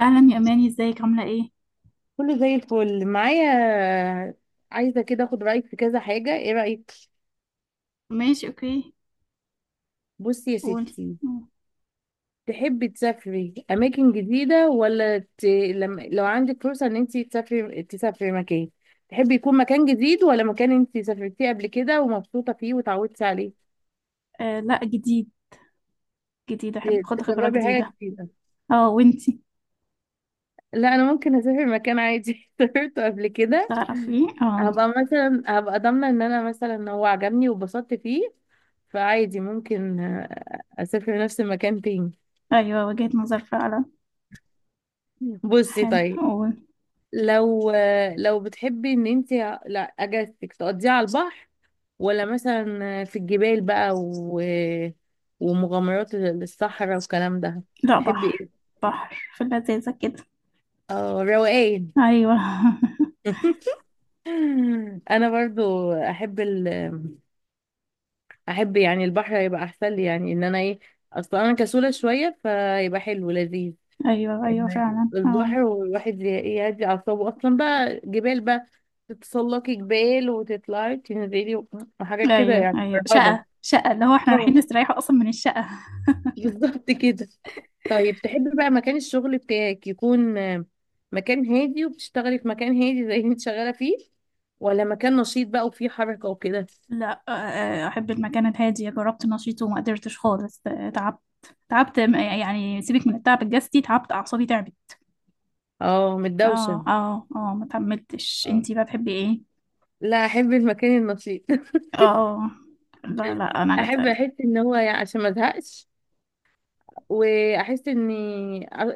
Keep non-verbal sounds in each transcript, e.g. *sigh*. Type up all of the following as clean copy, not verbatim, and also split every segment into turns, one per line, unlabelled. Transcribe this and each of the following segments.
اهلا يا اماني، ازيك؟ عامله ايه؟
كله زي الفل معايا. عايزة كده اخد رأيك في كذا حاجة، ايه رأيك؟
ماشي، اوكي.
بصي يا
قولي.
ستي. تحبي تسافري اماكن جديدة ولا لو عندك فرصة ان انت تسافري مكان، تحبي يكون مكان جديد ولا مكان انت سافرتيه قبل كده ومبسوطة فيه وتعودتي عليه؟
آه لا، جديد. جديد، احب اخد خبره
تجربي حاجة
جديده.
جديدة.
اه، وانتي؟
لا، انا ممكن اسافر مكان عادي *laughs* سافرته قبل كده.
تعرفي، اه.
هبقى مثلا ضامنة ان انا مثلا هو عجبني وبسطت فيه، فعادي ممكن اسافر نفس المكان تاني.
ايوه، وجهة نظر فعلا.
بصي
حلو،
طيب.
قول.
لو لو بتحبي ان انت، لا، اجازتك تقضيها على البحر ولا مثلا في الجبال بقى ومغامرات الصحراء والكلام ده،
لا،
تحبي
بحر.
ايه؟
بحر، في اللذيذه كده.
اه، روقان.
ايوه.
*laughs* انا برضو احب احب يعني البحر هيبقى احسن لي، يعني ان انا ايه، اصلا انا كسولة شوية فيبقى حلو لذيذ.
*laughs* ايوه ايوه
إن
فعلا، اه.
البحر والواحد يهدي أعصابه، أصلا بقى جبال بقى، تتسلقي جبال وتطلعي تنزلي وحاجات كده
ايوه
يعني
ايوه،
فرهضة.
شقه شقه اللي هو احنا
اه
رايحين نستريح اصلا من الشقه.
*laughs* بالظبط كده. طيب، تحبي بقى مكان الشغل بتاعك يكون مكان هادي وبتشتغلي في مكان هادي زي اللي انت شغالة فيه، ولا مكان نشيط بقى وفيه حركة وكده؟
لا، احب المكان الهادي. جربت نشيط وما قدرتش خالص، تعبت. تعبت يعني سيبك من التعب الجسدي، تعبت اعصابي، تعبت.
اه، متدوشة.
اه اه اه، ما كملتش.
اه،
انتي بقى بتحبي ايه؟
لا، احب المكان النشيط *laughs*
اه اه. لا لا، انا جت.
احب احس ان هو يعني عشان ما ازهقش، واحس ان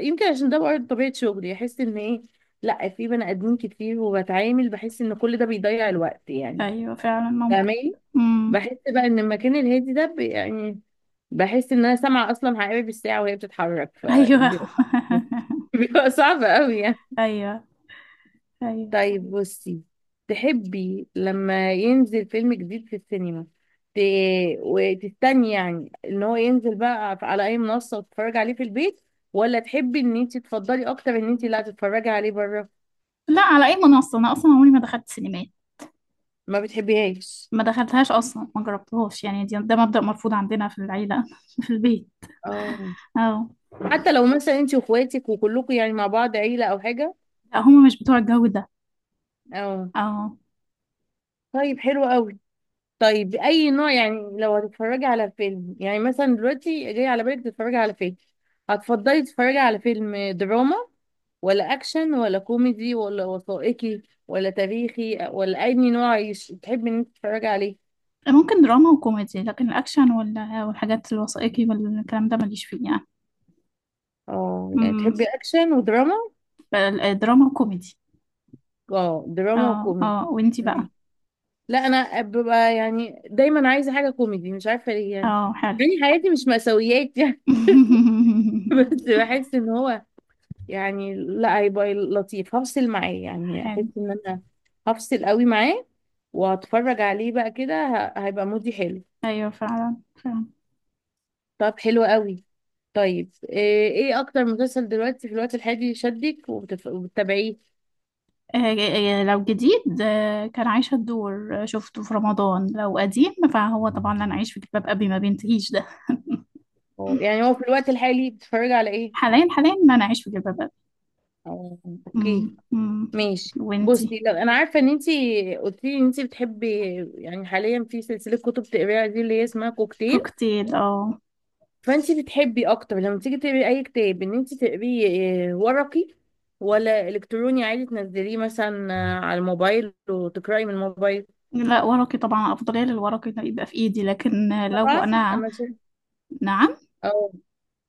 يمكن عشان ده برضه طبيعه شغلي، احس ان ايه، لا، في بني ادمين كتير وبتعامل، بحس ان كل ده بيضيع الوقت يعني،
ايوه فعلا، ممكن.
فاهماني؟
امم.
بحس بقى ان المكان الهادي ده يعني بحس ان انا سامعه اصلا حقائب الساعه وهي بتتحرك،
ايوه.
فبيبقى
*laughs*
*laughs* بيبقى صعب قوي يعني.
ايوه ايوه.
طيب، بصي، تحبي لما ينزل فيلم جديد في السينما ت... وتستني يعني ان هو ينزل بقى على اي منصة وتتفرجي عليه في البيت، ولا تحبي ان انت تفضلي اكتر ان انت لا تتفرجي عليه بره؟
لا، على اي منصه. انا اصلا عمري ما دخلت سينمات.
ما بتحبيهاش.
ما دخلتهاش اصلا، ما جربتهاش يعني. ده مبدأ مرفوض عندنا في العيله. *laughs* في البيت،
اه،
اه.
حتى لو مثلا انت واخواتك وكلكم يعني مع بعض عيلة او حاجة؟
لا، هما مش بتوع الجو ده.
اه.
اه.
طيب حلو قوي. طيب، اي نوع يعني لو هتتفرجي على فيلم، يعني مثلا دلوقتي جاي على بالك تتفرجي على فيلم، هتفضلي تتفرجي على فيلم دراما ولا اكشن ولا كوميدي ولا وثائقي ولا تاريخي ولا اي نوع تحبي ان انت تتفرجي عليه؟
ممكن دراما وكوميدي، لكن الاكشن والحاجات الوثائقي والكلام ده ماليش فيه يعني.
اه، يعني تحبي
امم.
اكشن ودراما.
دراما وكوميدي.
اه، دراما
اه
وكوميدي.
اه، وانتي بقى؟
تمام. لا، انا ببقى يعني دايما عايزه حاجه كوميدي، مش عارفه ليه يعني،
اه، حلو.
يعني حياتي مش مأساويات يعني *laughs*
*laughs*
بس بحس ان هو يعني لا هيبقى لطيف، هفصل معاه يعني،
حلو.
احس ان انا هفصل قوي معاه وهتفرج عليه بقى كده، هيبقى مودي حلو.
ايوه فعلا فعلا.
طب حلو قوي. طيب، ايه اكتر مسلسل دلوقتي في الوقت الحالي شدك وبتتابعيه؟
لو جديد، كان عايشة الدور. شفته في رمضان. لو قديم فهو طبعا لن أعيش في جلباب أبي، ما بينتهيش ده. *laughs*
أو يعني هو في الوقت الحالي بتتفرجي على ايه؟
حاليا، حاليا لن أعيش في جلباب أبي.
أو- اوكي.
مم، مم.
ماشي،
وانتي؟
بصي، لو انا عارفه ان انتي قلتي لي ان انتي بتحبي، يعني حاليا، في سلسله كتب تقريها، دي اللي هي اسمها كوكتيل،
كوكتيل، اه.
فانت بتحبي اكتر لما تيجي تقري اي كتاب ان انت تقريه ورقي ولا الكتروني عادي تنزليه مثلا على الموبايل وتقراي من الموبايل؟
لا، ورقي طبعا. أفضلية للورقي إنه يبقى في إيدي، لكن لو
طبعا،
أنا.
انا شايفه،
نعم.
اه،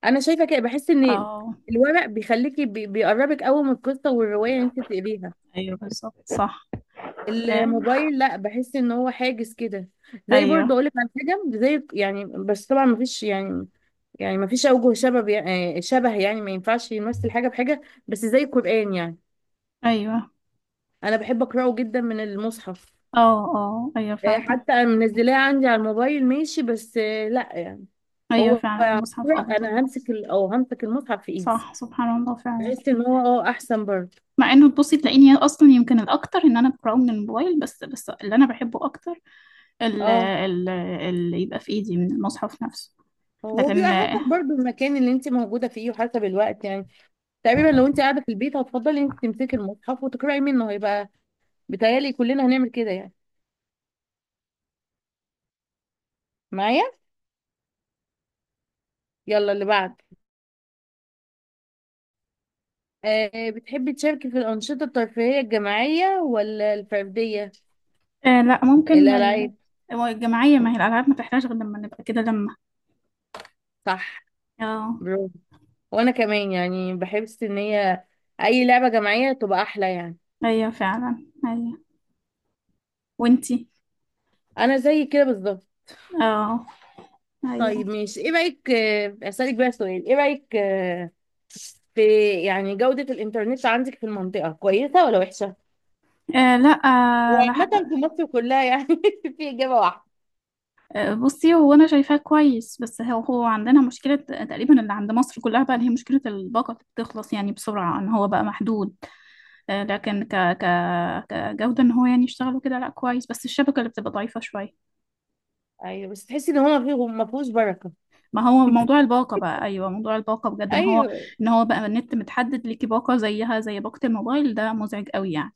انا شايفه كده، بحس ان
اه.
الورق بيخليكي بيقربك قوي من القصه والروايه اللي انت بتقريها.
ايوه بالظبط، صح. آه.
الموبايل لا، بحس ان هو حاجز كده. زي برضه
ايوه
اقول لك على حاجه زي يعني، بس طبعا مفيش، يعني، يعني مفيش اوجه شبه، يعني شبه، يعني ما ينفعش يمثل حاجه بحاجه، بس زي القران يعني،
ايوه.
انا بحب اقراه جدا من المصحف.
اه اه. ايوه فعلا.
حتى انا منزلاه عندي على الموبايل ماشي، بس لا يعني،
ايوه،
هو
فعلا المصحف
أقرأ،
افضل.
انا همسك او همسك المصحف في ايدي،
صح، سبحان الله فعلا.
بحس ان هو اه احسن برضه.
مع انه تبصي تلاقيني اصلا يمكن الاكتر ان انا بقراه من الموبايل، بس بس اللي انا بحبه اكتر ال-
اه
ال- اللي يبقى في ايدي من المصحف نفسه.
هو بيبقى
لكن آه.
حسب برضه المكان اللي انت موجوده فيه وحسب الوقت يعني، تقريبا لو انت قاعده في البيت هتفضلي انت تمسكي المصحف وتقراي منه، هيبقى، بيتهيألي كلنا هنعمل كده يعني معايا. يلا اللي بعد. بتحبي تشاركي في الانشطه الترفيهيه الجماعيه ولا الفرديه؟
لا، ممكن
الالعاب،
هو الجماعية. ما هي الالعاب ما تحتاج غير لما نبقى كده، لما.
صح.
اه.
برافو، وانا كمان يعني بحس ان هي اي لعبة جماعية تبقى احلى يعني.
ايوه فعلا ايوه. وانتي؟
انا زي كده بالظبط.
اه. ايوه.
طيب، مش ايه رأيك اسألك بقى سؤال. ايه رأيك في، يعني، جودة الانترنت عندك في المنطقة كويسة ولا وحشة؟
آه لا، آه لا.
وعامة في مصر كلها يعني *laughs* في اجابة واحدة.
بصي، هو انا شايفاه كويس، بس هو هو عندنا مشكلة تقريبا اللي عند مصر كلها بقى، اللي هي مشكلة الباقة اللي بتخلص يعني بسرعة، ان هو بقى محدود. لكن ك ك كجودة ان هو يعني يشتغل وكده، لا كويس، بس الشبكة اللي بتبقى ضعيفة شوية.
ايوه، بس تحسي ان هو ما فيهوش بركة.
ما هو موضوع الباقة بقى، ايوه موضوع الباقة بجد ان هو،
ايوه
ان هو بقى النت متحدد ليكي باقة زيها زي باقة الموبايل، ده مزعج قوي يعني.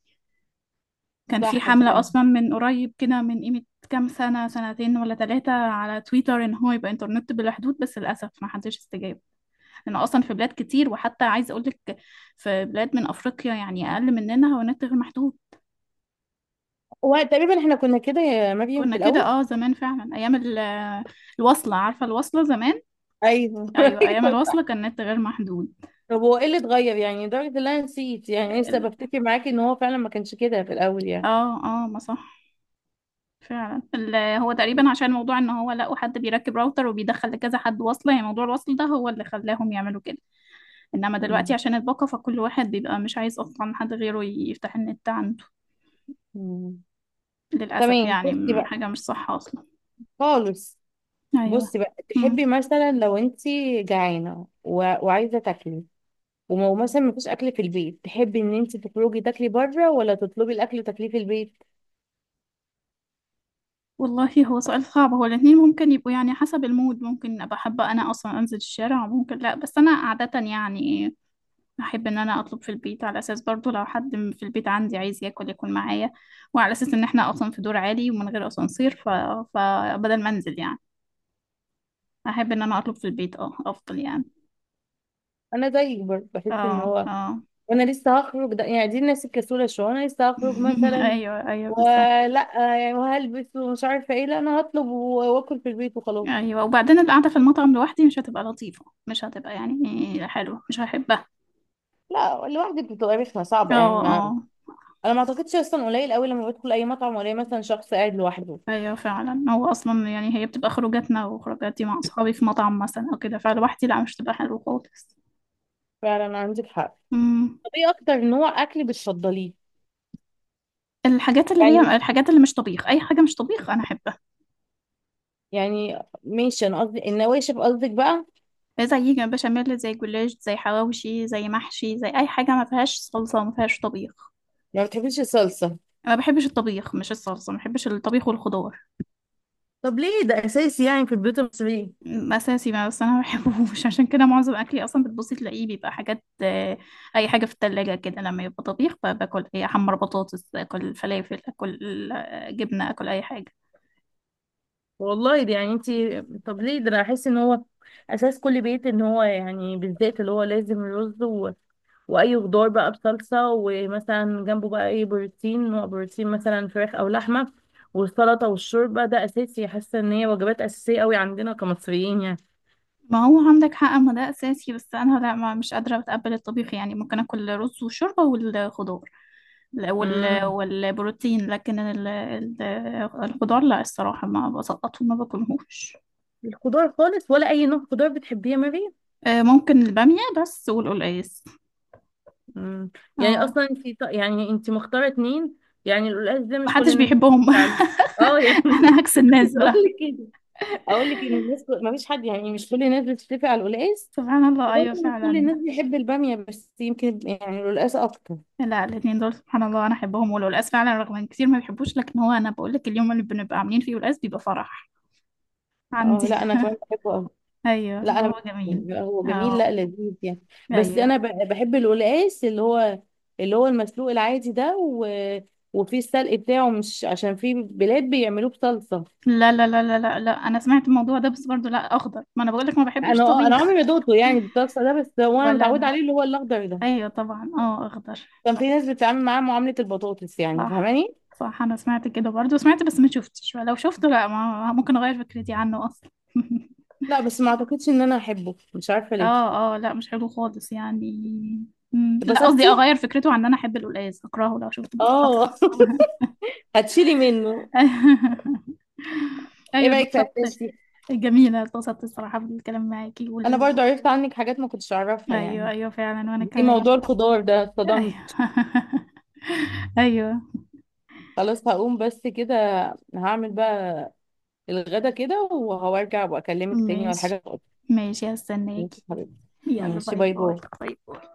كان في
صح
حملة
فعلا.
اصلا من قريب كده، من قيمة كام سنة، سنتين ولا ثلاثة، على تويتر ان هو يبقى انترنت بلا حدود، بس للأسف ما حدش استجاب. لأنه اصلا في بلاد كتير، وحتى عايزة اقول لك في بلاد من افريقيا يعني اقل مننا هو النت غير محدود.
وتقريبا احنا كنا كده يا مريم
كنا
في
كده
الاول.
اه، زمان فعلا، ايام الوصلة. عارفة الوصلة زمان؟
ايوه *laughs*
ايوه، ايام
ايوه
الوصلة
صح.
كان النت غير محدود.
طب هو ايه اللي اتغير يعني لدرجة ان انا نسيت، يعني لسه
ال-
بفتكر معاكي ان هو فعلا ما كانش كده في الاول يعني.
اه اه، ما صح، فعلا. هو تقريبا عشان موضوع ان هو لقوا حد بيركب راوتر وبيدخل لكذا حد وصلة، يعني موضوع الوصل ده هو اللي خلاهم يعملوا كده. انما دلوقتي
مم.
عشان الباقة، فكل واحد بيبقى مش عايز اصلا حد غيره يفتح النت عنده.
مم.
للأسف
تمام،
يعني،
بصي بقى
حاجة مش صح اصلا.
خالص.
ايوه.
بصي بقى، تحبي
مم.
مثلا لو انت جعانه وعايزه تاكلي ومو مثلا مفيش اكل في البيت، تحبي ان انت تخرجي تاكلي بره ولا تطلبي الاكل وتاكليه في البيت؟
والله هو سؤال صعب. هو الاتنين ممكن يبقوا يعني، حسب المود. ممكن ابقى حابة انا اصلا انزل الشارع، وممكن لا، بس انا عادة يعني احب ان انا اطلب في البيت، على اساس برضو لو حد في البيت عندي عايز ياكل ياكل معايا، وعلى اساس ان احنا اصلا في دور عالي ومن غير اسانسير، ف... فبدل ما انزل يعني احب ان انا اطلب في البيت، اه افضل يعني.
انا زيك برضه، بحس ان
اه
هو،
اه.
وانا لسه هخرج ده يعني، دي الناس الكسوله شويه، انا لسه هخرج
*laughs*
مثلا
ايوه ايوه بالظبط.
ولا يعني وهلبس ومش عارفه ايه، لا انا هطلب واكل في البيت وخلاص.
ايوه، وبعدين القعده في المطعم لوحدي مش هتبقى لطيفه، مش هتبقى يعني حلوه، مش هحبها.
لا لوحدك بتبقى رخمه
اه.
صعبه يعني، ما
آه.
انا ما اعتقدش اصلا، قليل قوي لما بدخل اي مطعم ولا مثلا شخص قاعد لوحده.
ايوه فعلا. هو اصلا يعني هي بتبقى خروجاتنا وخروجاتي مع اصحابي في مطعم مثلا او كده، فلوحدي لا مش تبقى حلوه خالص.
فعلا عندك حق.
امم.
طب ايه اكتر نوع اكل بتفضليه؟
الحاجات اللي هي
يعني،
الحاجات اللي مش طبيخ، اي حاجه مش طبيخ انا احبها.
يعني ماشي، انا قصدي النواشف قصدك بقى يعني.
زي جنب بشاميل، زي جلاش، زي حواوشي، زي محشي، زي اي حاجه ما فيهاش صلصه وما فيهاش طبيخ.
ما بتحبيش الصلصه،
انا ما بحبش الطبيخ، مش الصلصه، ما بحبش الطبيخ والخضار.
طب ليه ده اساسي يعني في البيوت المصريه؟
اساسي، ما بس انا ما بحبهوش. *laughs* عشان كده معظم اكلي اصلا بتبصي تلاقيه بيبقى حاجات، اي حاجه في التلاجة كده لما يبقى طبيخ، باكل اي احمر بطاطس، اكل فلافل، اكل جبنه، اكل اي حاجه.
والله دي يعني انتي، طب ليه ده، انا احس ان هو اساس كل بيت ان هو يعني، بالذات اللي هو لازم رز واي خضار بقى بصلصه، ومثلا جنبه بقى اي بروتين، نوع بروتين مثلا فراخ او لحمه، والسلطه والشوربه، ده اساسي، حاسه ان هي وجبات اساسيه قوي عندنا كمصريين يعني.
ما هو عندك حق، ما ده اساسي، بس انا لا ما مش قادره اتقبل الطبيخ يعني. ممكن اكل رز وشوربه والخضار، لا،
امم
والبروتين، لكن الخضار لا، الصراحه ما بسقطه، ما باكلهوش.
الخضار خالص ولا اي نوع خضار بتحبيه يا ماري؟
ممكن الباميه بس والقلقاس.
امم يعني
اه.
اصلا انتي يعني انتي مختاره اتنين، يعني القلقاس ده مش كل
محدش
الناس
بيحبهم.
بتحكي عليه. اه يعني
*laughs*
*laughs*
انا عكس الناس
عايزه اقول
بقى.
لك، ان الناس ما فيش حد، يعني مش كل الناس بتتفق على القلقاس،
سبحان الله، ايوه
وبرضه مش كل
فعلا.
الناس بتحب الباميه، بس يمكن يعني القلقاس اكتر.
لا الاثنين دول سبحان الله انا احبهم، والقلقاس فعلا رغم ان كتير ما بيحبوش، لكن هو انا بقول لك اليوم اللي بنبقى عاملين فيه قلقاس بيبقى فرح عندي.
اه لا، انا كمان بحبه أوي.
ايوه،
لا انا بحبه.
هو جميل.
بيبقى هو جميل،
اه،
لا لذيذ يعني. بس
ايوه.
انا بحب القلقاس اللي هو، اللي هو المسلوق العادي ده وفيه السلق بتاعه، مش عشان في بلاد بيعملوه بصلصه.
لا لا لا لا لا لا، انا سمعت الموضوع ده بس برضو لا، اخضر، ما انا بقول لك ما بحبش
انا
طبيخ.
عمري ما دوقته يعني بالصلصه ده، بس
*laughs*
هو انا
ولا
متعوده
انا.
عليه اللي هو الاخضر ده،
ايوه طبعا، اه اخضر.
كان في ناس بتتعامل معاه معامله البطاطس يعني،
صح
فاهماني؟
صح، انا سمعت كده برضه، سمعت بس ما شفتش، ولو شفته لا، ما ممكن اغير فكرتي عنه اصلا. *laughs*
لا بس ما اعتقدش ان انا احبه، مش عارفه ليه.
اه اه، لا مش حلو خالص يعني. مم، لا قصدي
اتبسطتي؟
اغير فكرته عن ان انا احب القلقاس، اكرهه لو شفته بالظبط.
اه *laughs* هتشيلي منه.
*laughs*
ايه
ايوه،
رايك في
اتبسطت.
اسئلتي؟
جميله، اتبسطت الصراحه بالكلام معاكي
انا برضو عرفت عنك حاجات ما كنتش اعرفها
ايوه
يعني،
ايوه فعلا، وانا
في
كمان.
موضوع الخضار ده
ايوه.
اتصدمت.
*laughs* ايوه.
خلاص، هقوم بس كده، هعمل بقى الغدا كده وهرجع واكلمك تاني ولا
ماشي.
حاجه.
ماشي،
ماشي
هستناكي.
حبيبتي.
يلا،
ماشي،
باي
باي
باي.
باي
باي باي.